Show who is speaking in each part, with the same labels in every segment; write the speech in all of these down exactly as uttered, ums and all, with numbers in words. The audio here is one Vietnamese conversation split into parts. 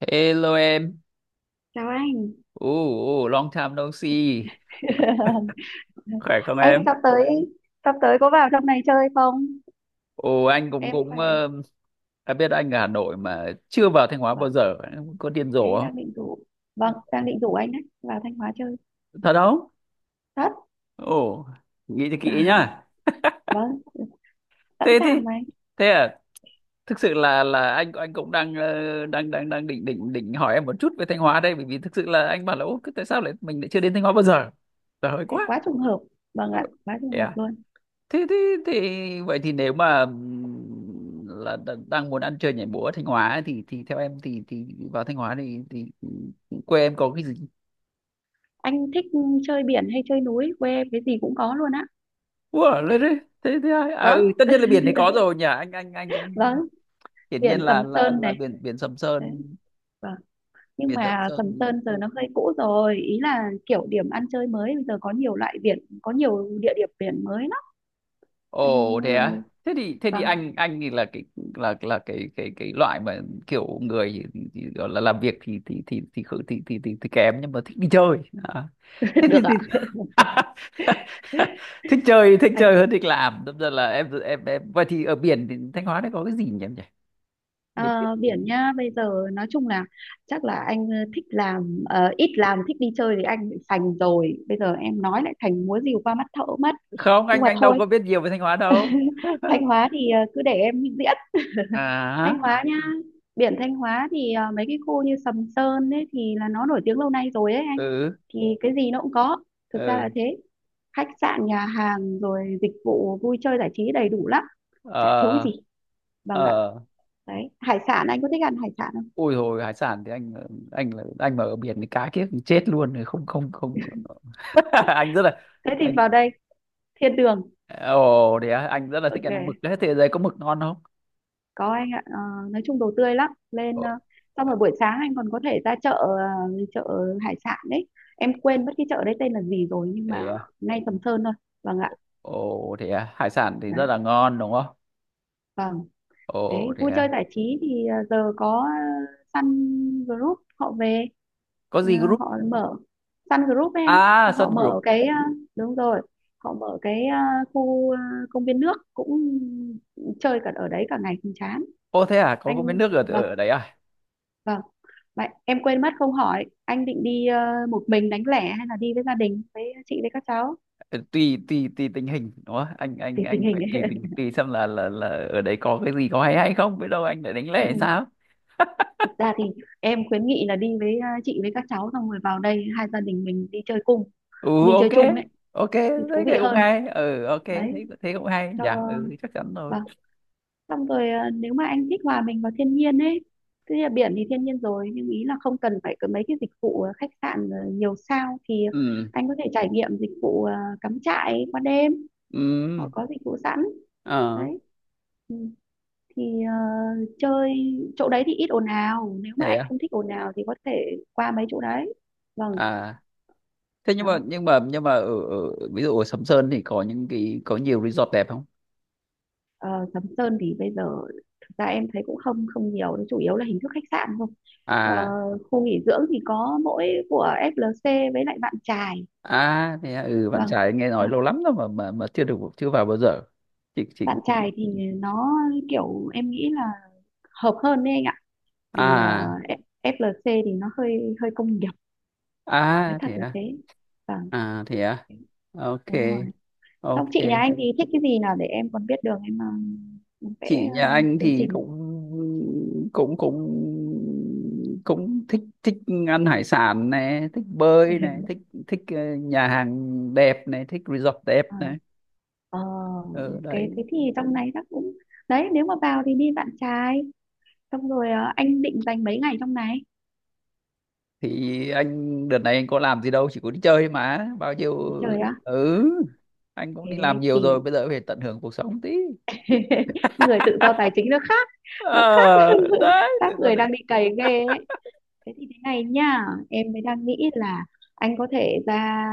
Speaker 1: Hello em,
Speaker 2: Chào anh.
Speaker 1: ồ oh, long time no see, khỏe không
Speaker 2: anh
Speaker 1: em?
Speaker 2: sắp tới sắp tới có vào trong này chơi không?
Speaker 1: Ồ anh cũng
Speaker 2: Em
Speaker 1: cũng
Speaker 2: khỏe.
Speaker 1: ờ, em biết anh ở Hà Nội mà chưa vào Thanh Hóa
Speaker 2: Vâng,
Speaker 1: bao giờ. Em có điên rồ
Speaker 2: thế
Speaker 1: không?
Speaker 2: đang định rủ. Vâng, đang định rủ anh đấy, vào Thanh Hóa chơi.
Speaker 1: Thật không?
Speaker 2: Thật.
Speaker 1: Ồ, nghĩ cho
Speaker 2: À,
Speaker 1: kỹ nhá.
Speaker 2: Vâng, sẵn
Speaker 1: Thế
Speaker 2: sàng
Speaker 1: thế
Speaker 2: mà anh.
Speaker 1: thế à? Thực sự là là anh anh cũng đang ờ, đang đang đang định định định hỏi em một chút về Thanh Hóa đây, bởi vì thực sự là anh bảo là ô tại sao lại mình lại chưa đến Thanh Hóa bao giờ? Trời ơi
Speaker 2: Thế
Speaker 1: quá.
Speaker 2: quá trùng hợp. Vâng ạ, quá
Speaker 1: Ừ.
Speaker 2: trùng hợp luôn.
Speaker 1: thế thế thì vậy thì nếu mà ừm, là đ- đang muốn ăn chơi nhảy múa ở Thanh Hóa ấy, thì thì theo em thì thì vào Thanh Hóa thì thì ừ, quê em có cái gì.
Speaker 2: Anh thích chơi biển hay chơi núi? Quê em cái gì cũng có luôn á.
Speaker 1: Ủa, lên đấy thế thế ai à ừ,
Speaker 2: Vâng,
Speaker 1: tất nhiên là biển này có rồi nhỉ, anh anh anh cũng
Speaker 2: vâng,
Speaker 1: hiển nhiên
Speaker 2: biển
Speaker 1: là
Speaker 2: Sầm
Speaker 1: là
Speaker 2: Sơn
Speaker 1: là
Speaker 2: này.
Speaker 1: biển biển Sầm
Speaker 2: Đấy,
Speaker 1: Sơn.
Speaker 2: vâng. Nhưng
Speaker 1: Biển Sầm
Speaker 2: mà Sầm
Speaker 1: Sơn
Speaker 2: Sơn giờ nó hơi cũ rồi, ý là kiểu điểm ăn chơi mới bây giờ có nhiều loại biển, có nhiều địa điểm biển mới lắm. Anh
Speaker 1: ồ thế
Speaker 2: ờ,
Speaker 1: á, thế thì thế thì
Speaker 2: Vâng,
Speaker 1: anh anh thì là cái là là cái cái cái loại mà kiểu người thì, thì, gọi là làm việc thì thì thì thì khử- thì thì, thì, thì kém nhưng mà thích đi chơi à. Thế thì,
Speaker 2: được
Speaker 1: thì
Speaker 2: ạ.
Speaker 1: thích chơi thích chơi
Speaker 2: Anh
Speaker 1: hơn thích làm, đâm ra là em em em vậy thì ở biển thì Thanh Hóa đấy có cái gì nhỉ em nhỉ? Biển, biển,
Speaker 2: ờ,
Speaker 1: biển.
Speaker 2: biển nhá, bây giờ nói chung là chắc là anh ờ, thích làm ờ, ít làm thích đi chơi thì anh bị sành rồi. Bây giờ em nói lại thành múa rìu qua mắt thợ mất.
Speaker 1: Không,
Speaker 2: Nhưng
Speaker 1: anh
Speaker 2: mà
Speaker 1: anh đâu
Speaker 2: thôi.
Speaker 1: có biết nhiều về Thanh Hóa đâu.
Speaker 2: Thanh Hóa thì ờ, cứ để em diễn Thanh
Speaker 1: À,
Speaker 2: Hóa nhá. Biển Thanh Hóa thì ờ, mấy cái khu như Sầm Sơn ấy thì là nó nổi tiếng lâu nay rồi ấy anh.
Speaker 1: ừ.
Speaker 2: Thì cái gì nó cũng có. Thực ra là
Speaker 1: Ừ.
Speaker 2: thế. Khách sạn, nhà hàng rồi dịch vụ vui chơi giải trí đầy đủ lắm, chả thiếu cái
Speaker 1: Ờ.
Speaker 2: gì. Vâng ạ.
Speaker 1: Ờ,
Speaker 2: Đấy hải sản anh có thích ăn hải sản không?
Speaker 1: ôi rồi hải sản thì anh anh là anh mà ở biển thì cá kiếp chết luôn rồi, không, không, không. Anh rất là,
Speaker 2: Thế thì
Speaker 1: anh
Speaker 2: vào đây thiên đường.
Speaker 1: ồ thế à, anh rất là thích ăn mực
Speaker 2: Ok,
Speaker 1: đấy, thế giới có mực ngon không?
Speaker 2: có anh ạ. Ờ, nói chung đồ tươi lắm lên,
Speaker 1: Ồ
Speaker 2: ờ, xong rồi buổi sáng anh còn có thể ra chợ, ờ, chợ hải sản đấy, em quên mất cái chợ đấy tên là gì rồi nhưng mà
Speaker 1: thế à?
Speaker 2: ngay Sầm Sơn thôi. Vâng ạ.
Speaker 1: Ồ thế à? Hải sản thì
Speaker 2: Đấy,
Speaker 1: rất là ngon đúng không?
Speaker 2: vâng.
Speaker 1: Ồ
Speaker 2: Đấy
Speaker 1: thế
Speaker 2: vui chơi
Speaker 1: à.
Speaker 2: giải trí thì ờ, giờ có, ờ, Sun Group họ về,
Speaker 1: Có
Speaker 2: ờ,
Speaker 1: gì group?
Speaker 2: họ mở Sun Group ấy
Speaker 1: À
Speaker 2: anh, họ
Speaker 1: Sun
Speaker 2: mở
Speaker 1: Group.
Speaker 2: cái, ờ, đúng rồi, họ mở cái, ờ, khu ờ, công viên nước, cũng chơi cả ở đấy cả ngày không chán.
Speaker 1: Ô thế à, có có mấy
Speaker 2: Anh,
Speaker 1: nước ở
Speaker 2: vâng,
Speaker 1: ở đấy à?
Speaker 2: vâng. Vậy em quên mất không hỏi anh định đi, ờ, một mình đánh lẻ hay là đi với gia đình với chị với các cháu
Speaker 1: Ừ, Tùy tùy tùy tình hình đúng không? Anh anh
Speaker 2: thì tình
Speaker 1: anh
Speaker 2: hình
Speaker 1: phải
Speaker 2: ấy.
Speaker 1: tùy tình, tùy xem là là là ở đấy có cái gì có hay hay không, biết đâu anh lại đánh lẻ
Speaker 2: Ừ.
Speaker 1: hay sao?
Speaker 2: Thực ra thì em khuyến nghị là đi với, ờ, chị với các cháu xong rồi vào đây hai gia đình mình đi chơi cùng,
Speaker 1: Ừ
Speaker 2: đi
Speaker 1: ok.
Speaker 2: chơi chung ấy
Speaker 1: Ok,
Speaker 2: thì
Speaker 1: thấy
Speaker 2: thú vị
Speaker 1: cái cũng
Speaker 2: hơn
Speaker 1: hay. Ừ ok, thấy
Speaker 2: đấy,
Speaker 1: thấy cũng hay.
Speaker 2: cho
Speaker 1: Dạ, ừ chắc chắn rồi.
Speaker 2: vâng. Xong rồi ờ, nếu mà anh thích hòa mình vào thiên nhiên ấy, tức là biển thì thiên nhiên rồi nhưng ý là không cần phải có mấy cái dịch vụ, ờ, khách sạn, ờ, nhiều sao, thì
Speaker 1: Ừ.
Speaker 2: anh có thể trải nghiệm dịch vụ, ờ, cắm trại qua đêm,
Speaker 1: Ừ.
Speaker 2: họ có dịch vụ sẵn
Speaker 1: Ờ
Speaker 2: đấy. Ừ, thì ờ, chơi chỗ đấy thì ít ồn ào, nếu mà
Speaker 1: thế
Speaker 2: anh
Speaker 1: à.
Speaker 2: không thích ồn ào thì có thể qua mấy chỗ đấy. Vâng.
Speaker 1: À, thế nhưng
Speaker 2: Đó.
Speaker 1: mà nhưng mà nhưng mà ở, ở ví dụ ở Sầm Sơn thì có những cái có nhiều resort đẹp không?
Speaker 2: Ờ, Sầm Sơn thì bây giờ thực ra em thấy cũng không không nhiều, nó chủ yếu là hình thức khách sạn thôi. Ờ,
Speaker 1: À.
Speaker 2: khu nghỉ dưỡng thì có mỗi của ép lờ xê với lại Vạn Chài.
Speaker 1: À, thế à, ừ, bạn
Speaker 2: Vâng,
Speaker 1: trai nghe nói
Speaker 2: vâng.
Speaker 1: lâu lắm rồi mà mà mà chưa được, chưa vào bao giờ. Chị chị
Speaker 2: Vạn
Speaker 1: chị.
Speaker 2: Chài thì nó kiểu em nghĩ là hợp hơn đấy anh ạ. Vì ờ,
Speaker 1: À,
Speaker 2: F- ép lờ xê thì nó hơi hơi công nghiệp, nói
Speaker 1: à
Speaker 2: thật
Speaker 1: thế
Speaker 2: là
Speaker 1: à.
Speaker 2: thế. Vâng,
Speaker 1: À thế à. Ok,
Speaker 2: đúng rồi. Xong
Speaker 1: ok.
Speaker 2: chị nhà anh thì thích cái gì nào để em còn biết đường em, ờ, em vẽ,
Speaker 1: Chị
Speaker 2: ờ,
Speaker 1: nhà anh
Speaker 2: chương
Speaker 1: thì
Speaker 2: trình.
Speaker 1: cũng cũng cũng cũng thích thích ăn hải sản này, thích bơi này, thích thích ờ, nhà hàng đẹp này, thích resort đẹp
Speaker 2: Ờ.
Speaker 1: này.
Speaker 2: Ờ,
Speaker 1: Ừ,
Speaker 2: ok
Speaker 1: đấy.
Speaker 2: thế thì trong này chắc cũng đấy, nếu mà vào thì đi bạn trai xong rồi, ờ, anh định dành mấy ngày trong này.
Speaker 1: Thì anh đợt này anh có làm gì đâu, chỉ có đi chơi mà bao nhiêu.
Speaker 2: Trời ạ
Speaker 1: Ừ, anh cũng đi làm
Speaker 2: thế
Speaker 1: nhiều
Speaker 2: thì
Speaker 1: rồi bây giờ phải tận hưởng cuộc sống tí.
Speaker 2: người tự do tài chính nó khác, nó khác.
Speaker 1: Ờ, đấy
Speaker 2: Các
Speaker 1: tự do
Speaker 2: người
Speaker 1: đấy.
Speaker 2: đang bị cày ghê ấy. Thế thì thế này nhá, em mới đang nghĩ là anh có thể ra,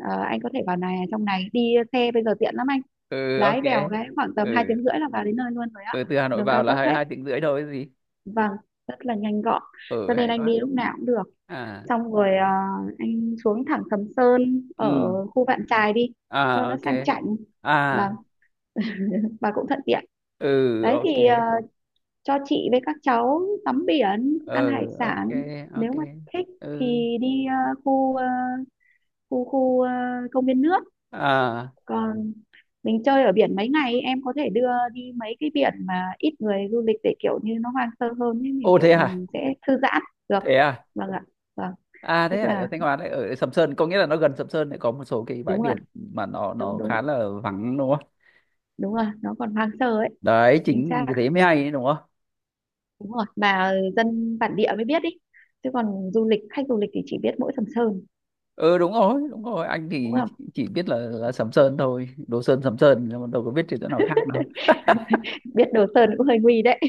Speaker 2: ờ, anh có thể vào này, trong này đi xe bây giờ tiện lắm anh,
Speaker 1: Ừ ok.
Speaker 2: lái vèo cái khoảng tầm hai
Speaker 1: Ừ,
Speaker 2: tiếng rưỡi là vào đến nơi luôn rồi ạ.
Speaker 1: ừ từ Hà Nội
Speaker 2: Đường
Speaker 1: vào
Speaker 2: cao
Speaker 1: là
Speaker 2: tốc
Speaker 1: hai
Speaker 2: hết.
Speaker 1: hai tiếng rưỡi thôi gì.
Speaker 2: Vâng rất là nhanh gọn cho
Speaker 1: Ừ
Speaker 2: nên
Speaker 1: hay
Speaker 2: anh
Speaker 1: quá.
Speaker 2: đi lúc nào cũng được.
Speaker 1: À.
Speaker 2: Xong rồi ờ, anh xuống thẳng Sầm Sơn ở
Speaker 1: Ừ.
Speaker 2: khu Vạn Chài đi cho
Speaker 1: À
Speaker 2: nó
Speaker 1: ok.
Speaker 2: sang chảnh, và
Speaker 1: À.
Speaker 2: và cũng thuận tiện.
Speaker 1: Ừ
Speaker 2: Đấy
Speaker 1: ok.
Speaker 2: thì ờ, cho chị với các cháu tắm biển
Speaker 1: Ừ
Speaker 2: ăn hải
Speaker 1: ok.
Speaker 2: sản, nếu
Speaker 1: Ok.
Speaker 2: mà thích
Speaker 1: Ừ.
Speaker 2: thì đi, ờ, khu ờ, khu khu ờ, công viên nước.
Speaker 1: À.
Speaker 2: Còn mình chơi ở biển mấy ngày em có thể đưa đi mấy cái biển mà ít người du lịch để kiểu như nó hoang sơ hơn ấy, mình
Speaker 1: Ô
Speaker 2: kiểu
Speaker 1: thế à.
Speaker 2: mình sẽ thư giãn được.
Speaker 1: Thế à.
Speaker 2: Vâng ạ. Vâng.
Speaker 1: À thế
Speaker 2: Tức
Speaker 1: ở, ở
Speaker 2: là
Speaker 1: Thanh Hóa đấy ở Sầm Sơn có nghĩa là nó gần Sầm Sơn lại có một số cái bãi
Speaker 2: đúng rồi
Speaker 1: biển
Speaker 2: ạ,
Speaker 1: mà nó
Speaker 2: đúng
Speaker 1: nó khá
Speaker 2: đúng
Speaker 1: là vắng đúng không?
Speaker 2: đúng rồi nó còn hoang sơ ấy.
Speaker 1: Đấy
Speaker 2: Chính xác
Speaker 1: chính vì thế mới hay đấy, đúng không?
Speaker 2: đúng rồi, mà dân bản địa mới biết đi chứ còn du lịch, khách du lịch thì chỉ biết mỗi Sầm Sơn
Speaker 1: Ừ đúng rồi, đúng rồi, anh
Speaker 2: đúng
Speaker 1: thì
Speaker 2: không.
Speaker 1: chỉ biết là là Sầm Sơn thôi, Đồ Sơn Sầm Sơn nhưng mà đâu có biết thì chỗ nào khác đâu.
Speaker 2: Biết Đồ Sơn cũng hơi nguy đấy.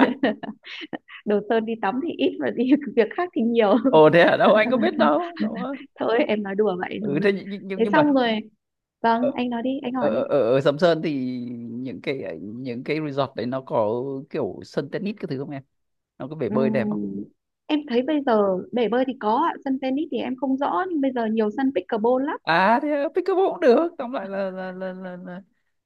Speaker 2: Đồ Sơn đi tắm thì ít và đi việc khác thì nhiều.
Speaker 1: Ồ thế à, đâu anh có biết đâu, đúng không?
Speaker 2: Thôi em nói đùa vậy
Speaker 1: Ừ
Speaker 2: thôi.
Speaker 1: thế nhưng nhưng,
Speaker 2: Thế
Speaker 1: nhưng mà
Speaker 2: xong rồi vâng
Speaker 1: ở,
Speaker 2: anh nói đi, anh
Speaker 1: ở,
Speaker 2: hỏi đi.
Speaker 1: ở, ở Sầm Sơn thì những cái những cái resort đấy nó có kiểu sân tennis cái thứ không em? Nó có bể bơi đẹp không?
Speaker 2: Ừm, em thấy bây giờ bể bơi thì có ạ, sân tennis thì em không rõ nhưng bây giờ nhiều sân pickleball lắm.
Speaker 1: À thế à, pickleball cũng được, tóm lại là là là, là, là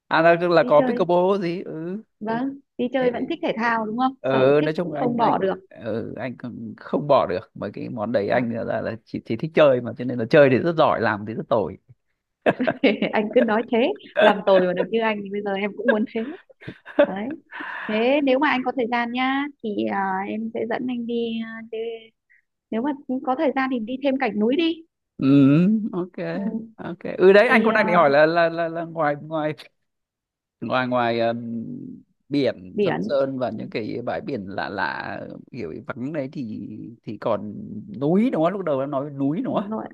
Speaker 1: à là là
Speaker 2: Đi
Speaker 1: có
Speaker 2: chơi,
Speaker 1: pickleball gì ừ
Speaker 2: vâng đi chơi vẫn
Speaker 1: thế
Speaker 2: thích thể thao đúng không, sở
Speaker 1: ừ,
Speaker 2: thích
Speaker 1: nói chung
Speaker 2: cũng
Speaker 1: là anh
Speaker 2: không
Speaker 1: anh
Speaker 2: bỏ được.
Speaker 1: ừ, anh cũng không bỏ được mấy cái món đấy,
Speaker 2: Ờ,
Speaker 1: anh là là chỉ, chỉ thích chơi mà cho nên là chơi thì rất giỏi làm thì rất tồi.
Speaker 2: anh cứ nói thế. Làm tồi mà được như anh thì bây giờ em cũng muốn thế đấy. Thế nếu mà anh có thời gian nhá thì à, em sẽ dẫn anh đi, à, đi nếu mà có thời gian thì đi thêm cảnh núi đi.
Speaker 1: Ừ ok.
Speaker 2: Ừ.
Speaker 1: Ok, ừ đấy anh
Speaker 2: Thì
Speaker 1: cũng đang định
Speaker 2: à,
Speaker 1: hỏi là là là, là ngoài ngoài ngoài ngoài ừm, biển Sầm
Speaker 2: biển.
Speaker 1: Sơn và
Speaker 2: Ừ,
Speaker 1: những cái bãi biển lạ lạ kiểu vắng đấy thì thì còn núi đúng không, lúc đầu em nói núi đúng không?
Speaker 2: đúng rồi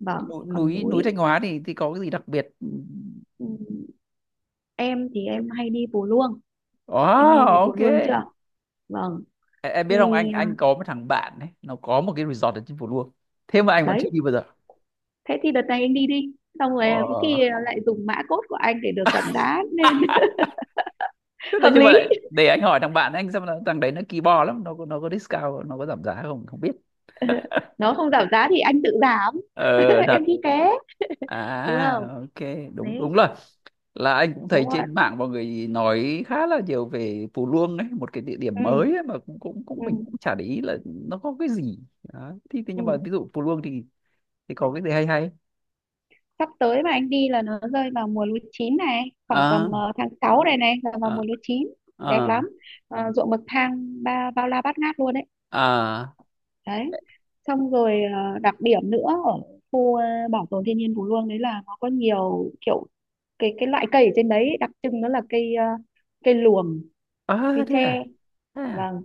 Speaker 2: vâng
Speaker 1: Núi
Speaker 2: còn
Speaker 1: núi núi
Speaker 2: núi.
Speaker 1: Thanh Hóa thì thì có cái gì đặc biệt?
Speaker 2: Ừ. Em thì em hay đi Pù Luông.
Speaker 1: Ồ,
Speaker 2: Anh nghe về Pù
Speaker 1: ok.
Speaker 2: Luông chưa. Vâng
Speaker 1: Em em
Speaker 2: thì
Speaker 1: biết không, anh
Speaker 2: à,
Speaker 1: anh có một thằng bạn ấy nó có một cái resort ở trên Phú Luông, thế mà anh vẫn chưa
Speaker 2: đấy
Speaker 1: đi bao giờ.
Speaker 2: thế thì đợt này anh đi đi, xong rồi à, có
Speaker 1: Ờ.
Speaker 2: khi lại dùng mã code của anh để được giảm giá nên
Speaker 1: Thế đấy
Speaker 2: hợp
Speaker 1: nhưng
Speaker 2: lý.
Speaker 1: mà để anh hỏi thằng bạn anh xem là thằng đấy nó kỳ bò lắm, nó có nó có discount, nó có giảm giá không không biết.
Speaker 2: Nó không giảm giá thì anh tự giảm.
Speaker 1: Ờ, thật
Speaker 2: Em đi ké đúng
Speaker 1: à.
Speaker 2: không
Speaker 1: Ok. đúng
Speaker 2: đấy
Speaker 1: đúng rồi, là anh cũng
Speaker 2: đúng
Speaker 1: thấy
Speaker 2: rồi.
Speaker 1: trên mạng mọi người nói khá là nhiều về Phú Luông ấy, một cái địa điểm
Speaker 2: Ừ,
Speaker 1: mới ấy, mà cũng cũng
Speaker 2: ừ,
Speaker 1: cũng mình cũng chả để ý là nó có cái gì. Đó. Thì, thì nhưng mà
Speaker 2: ừ.
Speaker 1: ví dụ Phú Luông thì thì có cái gì hay hay
Speaker 2: Sắp tới mà anh đi là nó rơi vào mùa lúa chín này, khoảng tầm
Speaker 1: à,
Speaker 2: ờ, tháng sáu này này là vào
Speaker 1: à,
Speaker 2: mùa lúa chín đẹp
Speaker 1: à,
Speaker 2: lắm. Ờ, ruộng bậc thang ba bao la bát ngát luôn đấy.
Speaker 1: à,
Speaker 2: Đấy xong rồi ờ, đặc điểm nữa ở khu, ờ, bảo tồn thiên nhiên Phú Luông đấy là nó có nhiều kiểu, cái cái loại cây ở trên đấy đặc trưng nó là cây, ờ, cây luồng,
Speaker 1: à
Speaker 2: cây
Speaker 1: thế
Speaker 2: tre.
Speaker 1: à, thế à,
Speaker 2: Vâng.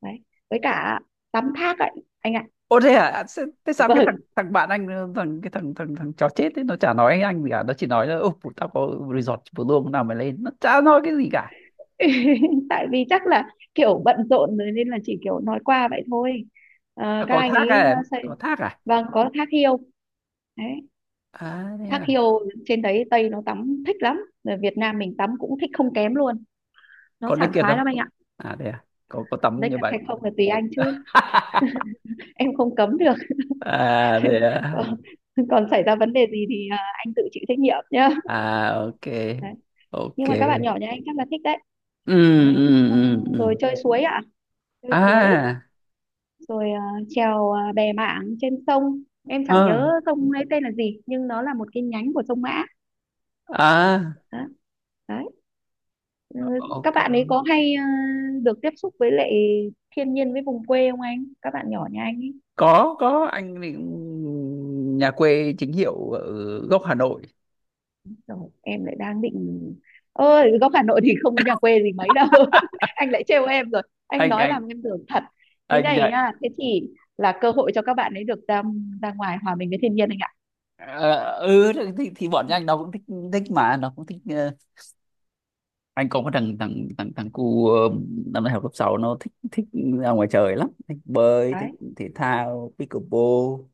Speaker 2: Đấy với cả tắm thác ấy anh ạ.
Speaker 1: ô thế à. À, thế, thế sao cái thằng
Speaker 2: Vâng
Speaker 1: thằng bạn anh ờ, thằng cái thằng thằng thằng chó chết ấy nó chả nói anh gì cả, nó chỉ nói là ô tao có resort vừa luôn nào mày lên, nó chả nói cái gì cả.
Speaker 2: tại vì chắc là kiểu bận rộn rồi nên là chỉ kiểu nói qua vậy thôi. Ờ,
Speaker 1: À,
Speaker 2: các
Speaker 1: có
Speaker 2: anh
Speaker 1: thác
Speaker 2: ấy
Speaker 1: à,
Speaker 2: ờ,
Speaker 1: em
Speaker 2: xây.
Speaker 1: có thác à?
Speaker 2: Vâng có thác hiêu đấy,
Speaker 1: À thế
Speaker 2: thác
Speaker 1: à,
Speaker 2: hiêu trên đấy Tây nó tắm thích lắm, rồi Việt Nam mình tắm cũng thích không kém luôn, nó
Speaker 1: có
Speaker 2: sảng
Speaker 1: naked
Speaker 2: khoái
Speaker 1: không?
Speaker 2: lắm anh ạ.
Speaker 1: À thế à, có có tắm
Speaker 2: Đấy
Speaker 1: như
Speaker 2: thật
Speaker 1: vậy.
Speaker 2: hay không là tùy anh chứ, em không cấm được.
Speaker 1: À thế à.
Speaker 2: còn còn xảy ra vấn đề gì thì, ờ, anh tự chịu trách nhiệm nhá.
Speaker 1: À ok.
Speaker 2: Đấy.
Speaker 1: Ok.
Speaker 2: Nhưng mà các bạn nhỏ nhà anh chắc là thích đấy.
Speaker 1: Ừ,
Speaker 2: Đấy
Speaker 1: ừ, ừ, ừ.
Speaker 2: xong rồi
Speaker 1: Ừ.
Speaker 2: chơi suối ạ, chơi suối,
Speaker 1: À.
Speaker 2: rồi ờ, chèo ờ, bè mảng trên sông, em chẳng
Speaker 1: Ờ.
Speaker 2: nhớ sông ấy tên là gì nhưng nó là một cái nhánh của sông Mã.
Speaker 1: À
Speaker 2: Đó. Đấy. Ừ, các
Speaker 1: ok.
Speaker 2: bạn ấy có hay ờ, được tiếp xúc với lại thiên nhiên với vùng quê không anh, các bạn nhỏ nhà anh ấy,
Speaker 1: có có anh thì nhà quê chính hiệu ở gốc Hà Nội.
Speaker 2: rồi em lại đang định, ơi góc Hà Nội thì không có nhà quê gì mấy đâu. Anh lại trêu em rồi, anh
Speaker 1: anh
Speaker 2: nói
Speaker 1: anh
Speaker 2: làm em tưởng thật. Thế
Speaker 1: anh
Speaker 2: này
Speaker 1: dạy
Speaker 2: nha thế thì là cơ hội cho các bạn ấy được ra, ra ngoài hòa mình với thiên nhiên anh ạ.
Speaker 1: ờ, ừ thì, thì thì bọn anh nó cũng thích, thích mà nó cũng thích ờ, anh có một thằng thằng thằng thằng cu ờ, năm nay học lớp sáu, nó thích thích ra ngoài trời lắm, thích bơi,
Speaker 2: Đấy.
Speaker 1: thích thể thao pickleball.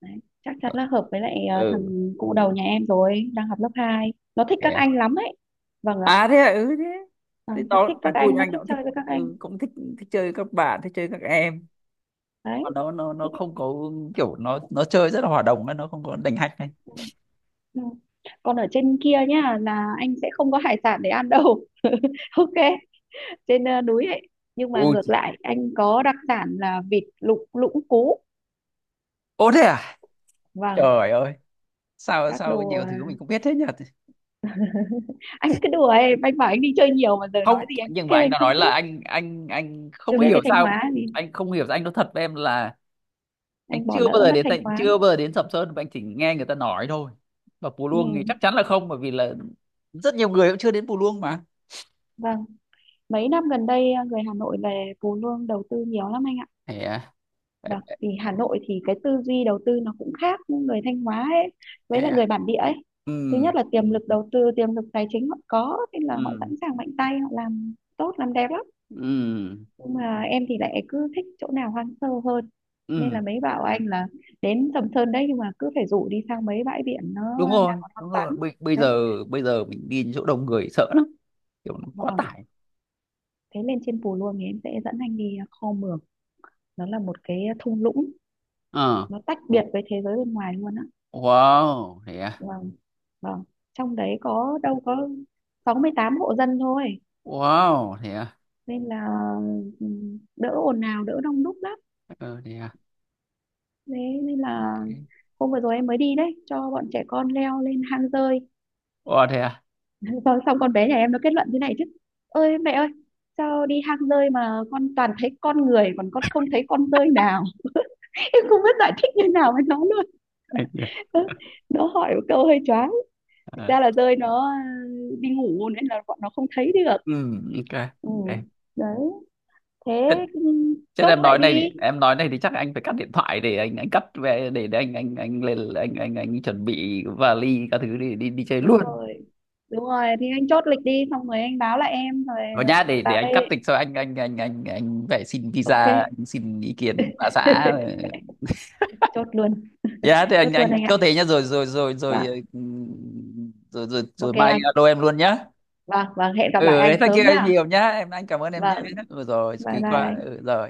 Speaker 2: Đấy, chắc chắn
Speaker 1: Ờ,
Speaker 2: là hợp với lại, ờ,
Speaker 1: ừ
Speaker 2: thằng cụ đầu nhà em rồi đang học lớp hai nó thích
Speaker 1: thế
Speaker 2: các
Speaker 1: à.
Speaker 2: anh lắm ấy. Vâng ạ.
Speaker 1: À thế à, ừ thế,
Speaker 2: À,
Speaker 1: thế
Speaker 2: nó thích
Speaker 1: nó thằng
Speaker 2: các
Speaker 1: cu
Speaker 2: anh,
Speaker 1: nhà
Speaker 2: nó
Speaker 1: anh nó
Speaker 2: thích
Speaker 1: cũng thích,
Speaker 2: chơi với các anh.
Speaker 1: ừ, cũng thích thích chơi các bạn, thích chơi các em
Speaker 2: Đấy.
Speaker 1: mà nó nó
Speaker 2: Thế
Speaker 1: nó
Speaker 2: thì-
Speaker 1: không có kiểu, nó nó chơi rất là hòa đồng ấy, nó không có đành hạch này.
Speaker 2: Ừ. Ừ. Còn ở trên kia nhá là anh sẽ không có hải sản để ăn đâu. Ok, trên ờ, núi ấy nhưng mà
Speaker 1: Ôi,
Speaker 2: ngược lại anh có đặc sản là vịt lục lũng cú.
Speaker 1: ô thế à.
Speaker 2: Vâng
Speaker 1: Trời ơi, sao
Speaker 2: các
Speaker 1: sao
Speaker 2: đồ,
Speaker 1: nhiều
Speaker 2: ờ,
Speaker 1: thứ mình không biết thế nhỉ.
Speaker 2: anh cứ đùa em, anh bảo anh đi chơi nhiều mà giờ
Speaker 1: Không,
Speaker 2: nói gì anh cũng
Speaker 1: nhưng mà
Speaker 2: kêu
Speaker 1: anh
Speaker 2: anh
Speaker 1: đã
Speaker 2: không
Speaker 1: nói
Speaker 2: biết,
Speaker 1: là anh anh anh
Speaker 2: chưa
Speaker 1: không
Speaker 2: biết
Speaker 1: hiểu
Speaker 2: về Thanh
Speaker 1: sao,
Speaker 2: Hóa thì
Speaker 1: anh không hiểu sao, anh nói thật với em là anh
Speaker 2: anh
Speaker 1: chưa
Speaker 2: bỏ
Speaker 1: bao
Speaker 2: lỡ
Speaker 1: giờ
Speaker 2: mất
Speaker 1: đến,
Speaker 2: Thanh
Speaker 1: tận
Speaker 2: Hóa.
Speaker 1: chưa bao giờ đến Sầm Sơn mà anh chỉ nghe người ta nói thôi. Và Pù
Speaker 2: Ừ
Speaker 1: Luông thì chắc chắn là không bởi vì là rất nhiều người cũng chưa đến Pù Luông mà.
Speaker 2: vâng. Mấy năm gần đây ờ, người Hà Nội về Phú Lương đầu tư nhiều lắm anh ạ.
Speaker 1: Thế à, thế
Speaker 2: Và
Speaker 1: à.
Speaker 2: vì Hà Nội thì cái tư duy đầu tư nó cũng khác người Thanh Hóa ấy,
Speaker 1: Thế
Speaker 2: với lại
Speaker 1: à.
Speaker 2: người bản địa ấy.
Speaker 1: Ừ,
Speaker 2: Thứ nhất là tiềm lực đầu tư, tiềm lực tài chính họ có nên là họ sẵn
Speaker 1: ừ,
Speaker 2: sàng mạnh tay, họ làm tốt làm đẹp lắm.
Speaker 1: ừ.
Speaker 2: Nhưng mà em thì lại cứ thích chỗ nào hoang sơ hơn nên là
Speaker 1: Ừ
Speaker 2: mấy bảo anh là đến Sầm Sơn đấy nhưng mà cứ phải rủ đi sang mấy bãi biển nó
Speaker 1: đúng
Speaker 2: đang
Speaker 1: rồi
Speaker 2: còn hoang
Speaker 1: đúng rồi
Speaker 2: vắng.
Speaker 1: bây, bây
Speaker 2: Đấy.
Speaker 1: giờ bây giờ mình đi chỗ đông người sợ lắm, kiểu nó quá
Speaker 2: Vâng.
Speaker 1: tải.
Speaker 2: Thế lên trên Pù Luông thì em sẽ dẫn anh đi Kho Mường, nó là một cái thung lũng,
Speaker 1: Ờ.
Speaker 2: nó tách biệt với thế giới bên ngoài luôn á.
Speaker 1: Wow thế à.
Speaker 2: Vâng. Vâng. Trong đấy có đâu có sáu mươi tám hộ dân thôi,
Speaker 1: Wow thế à.
Speaker 2: nên là ừm, đỡ ồn ào đỡ đông đúc lắm,
Speaker 1: Ờ thế à.
Speaker 2: thế nên là
Speaker 1: Ok.
Speaker 2: hôm vừa rồi em mới đi đấy cho bọn trẻ con leo lên hang rơi,
Speaker 1: Wow thế à.
Speaker 2: xong, xong con bé nhà em nó kết luận thế này chứ, ơi mẹ ơi, sao đi hang rơi mà con toàn thấy con người còn con không thấy con rơi nào. Em không biết giải thích như nào với nó luôn. Nó hỏi một câu hơi choáng. Thực
Speaker 1: Ờ,
Speaker 2: ra là rơi nó ừ, đi ngủ nên là bọn nó không thấy được.
Speaker 1: ừ ok.
Speaker 2: Ừ
Speaker 1: Ok.
Speaker 2: đấy
Speaker 1: Thế-
Speaker 2: thế, ừ,
Speaker 1: thế
Speaker 2: chốt
Speaker 1: em
Speaker 2: vậy
Speaker 1: nói này thì
Speaker 2: đi.
Speaker 1: em nói này thì chắc anh phải cắt điện thoại để anh anh cắt về để, để anh anh anh lên anh anh anh chuẩn bị vali các thứ đi đi đi chơi
Speaker 2: Đúng
Speaker 1: luôn.
Speaker 2: rồi đúng rồi thì anh chốt lịch đi, xong rồi anh báo lại em rồi,
Speaker 1: Và nhá
Speaker 2: ờ,
Speaker 1: để để
Speaker 2: vào
Speaker 1: anh
Speaker 2: đây
Speaker 1: cắt tịch sau anh anh anh anh anh phải xin
Speaker 2: ok.
Speaker 1: visa, anh xin ý kiến bà xã.
Speaker 2: Chốt luôn.
Speaker 1: Dạ thì
Speaker 2: Chốt
Speaker 1: anh
Speaker 2: luôn
Speaker 1: anh
Speaker 2: anh ạ.
Speaker 1: chốt thế nhá rồi rồi rồi rồi.
Speaker 2: Vâng.
Speaker 1: Ừ, rồi rồi, rồi
Speaker 2: Ok
Speaker 1: mai anh
Speaker 2: anh.
Speaker 1: alo em luôn nhá.
Speaker 2: Vâng vâng hẹn gặp lại
Speaker 1: Ừ,
Speaker 2: anh
Speaker 1: thế kia
Speaker 2: sớm nhá.
Speaker 1: nhiều nhá em, anh cảm ơn em nhá.
Speaker 2: Vâng
Speaker 1: Ừ, rồi
Speaker 2: bye
Speaker 1: quý
Speaker 2: bye
Speaker 1: quá,
Speaker 2: anh.
Speaker 1: ừ, rồi.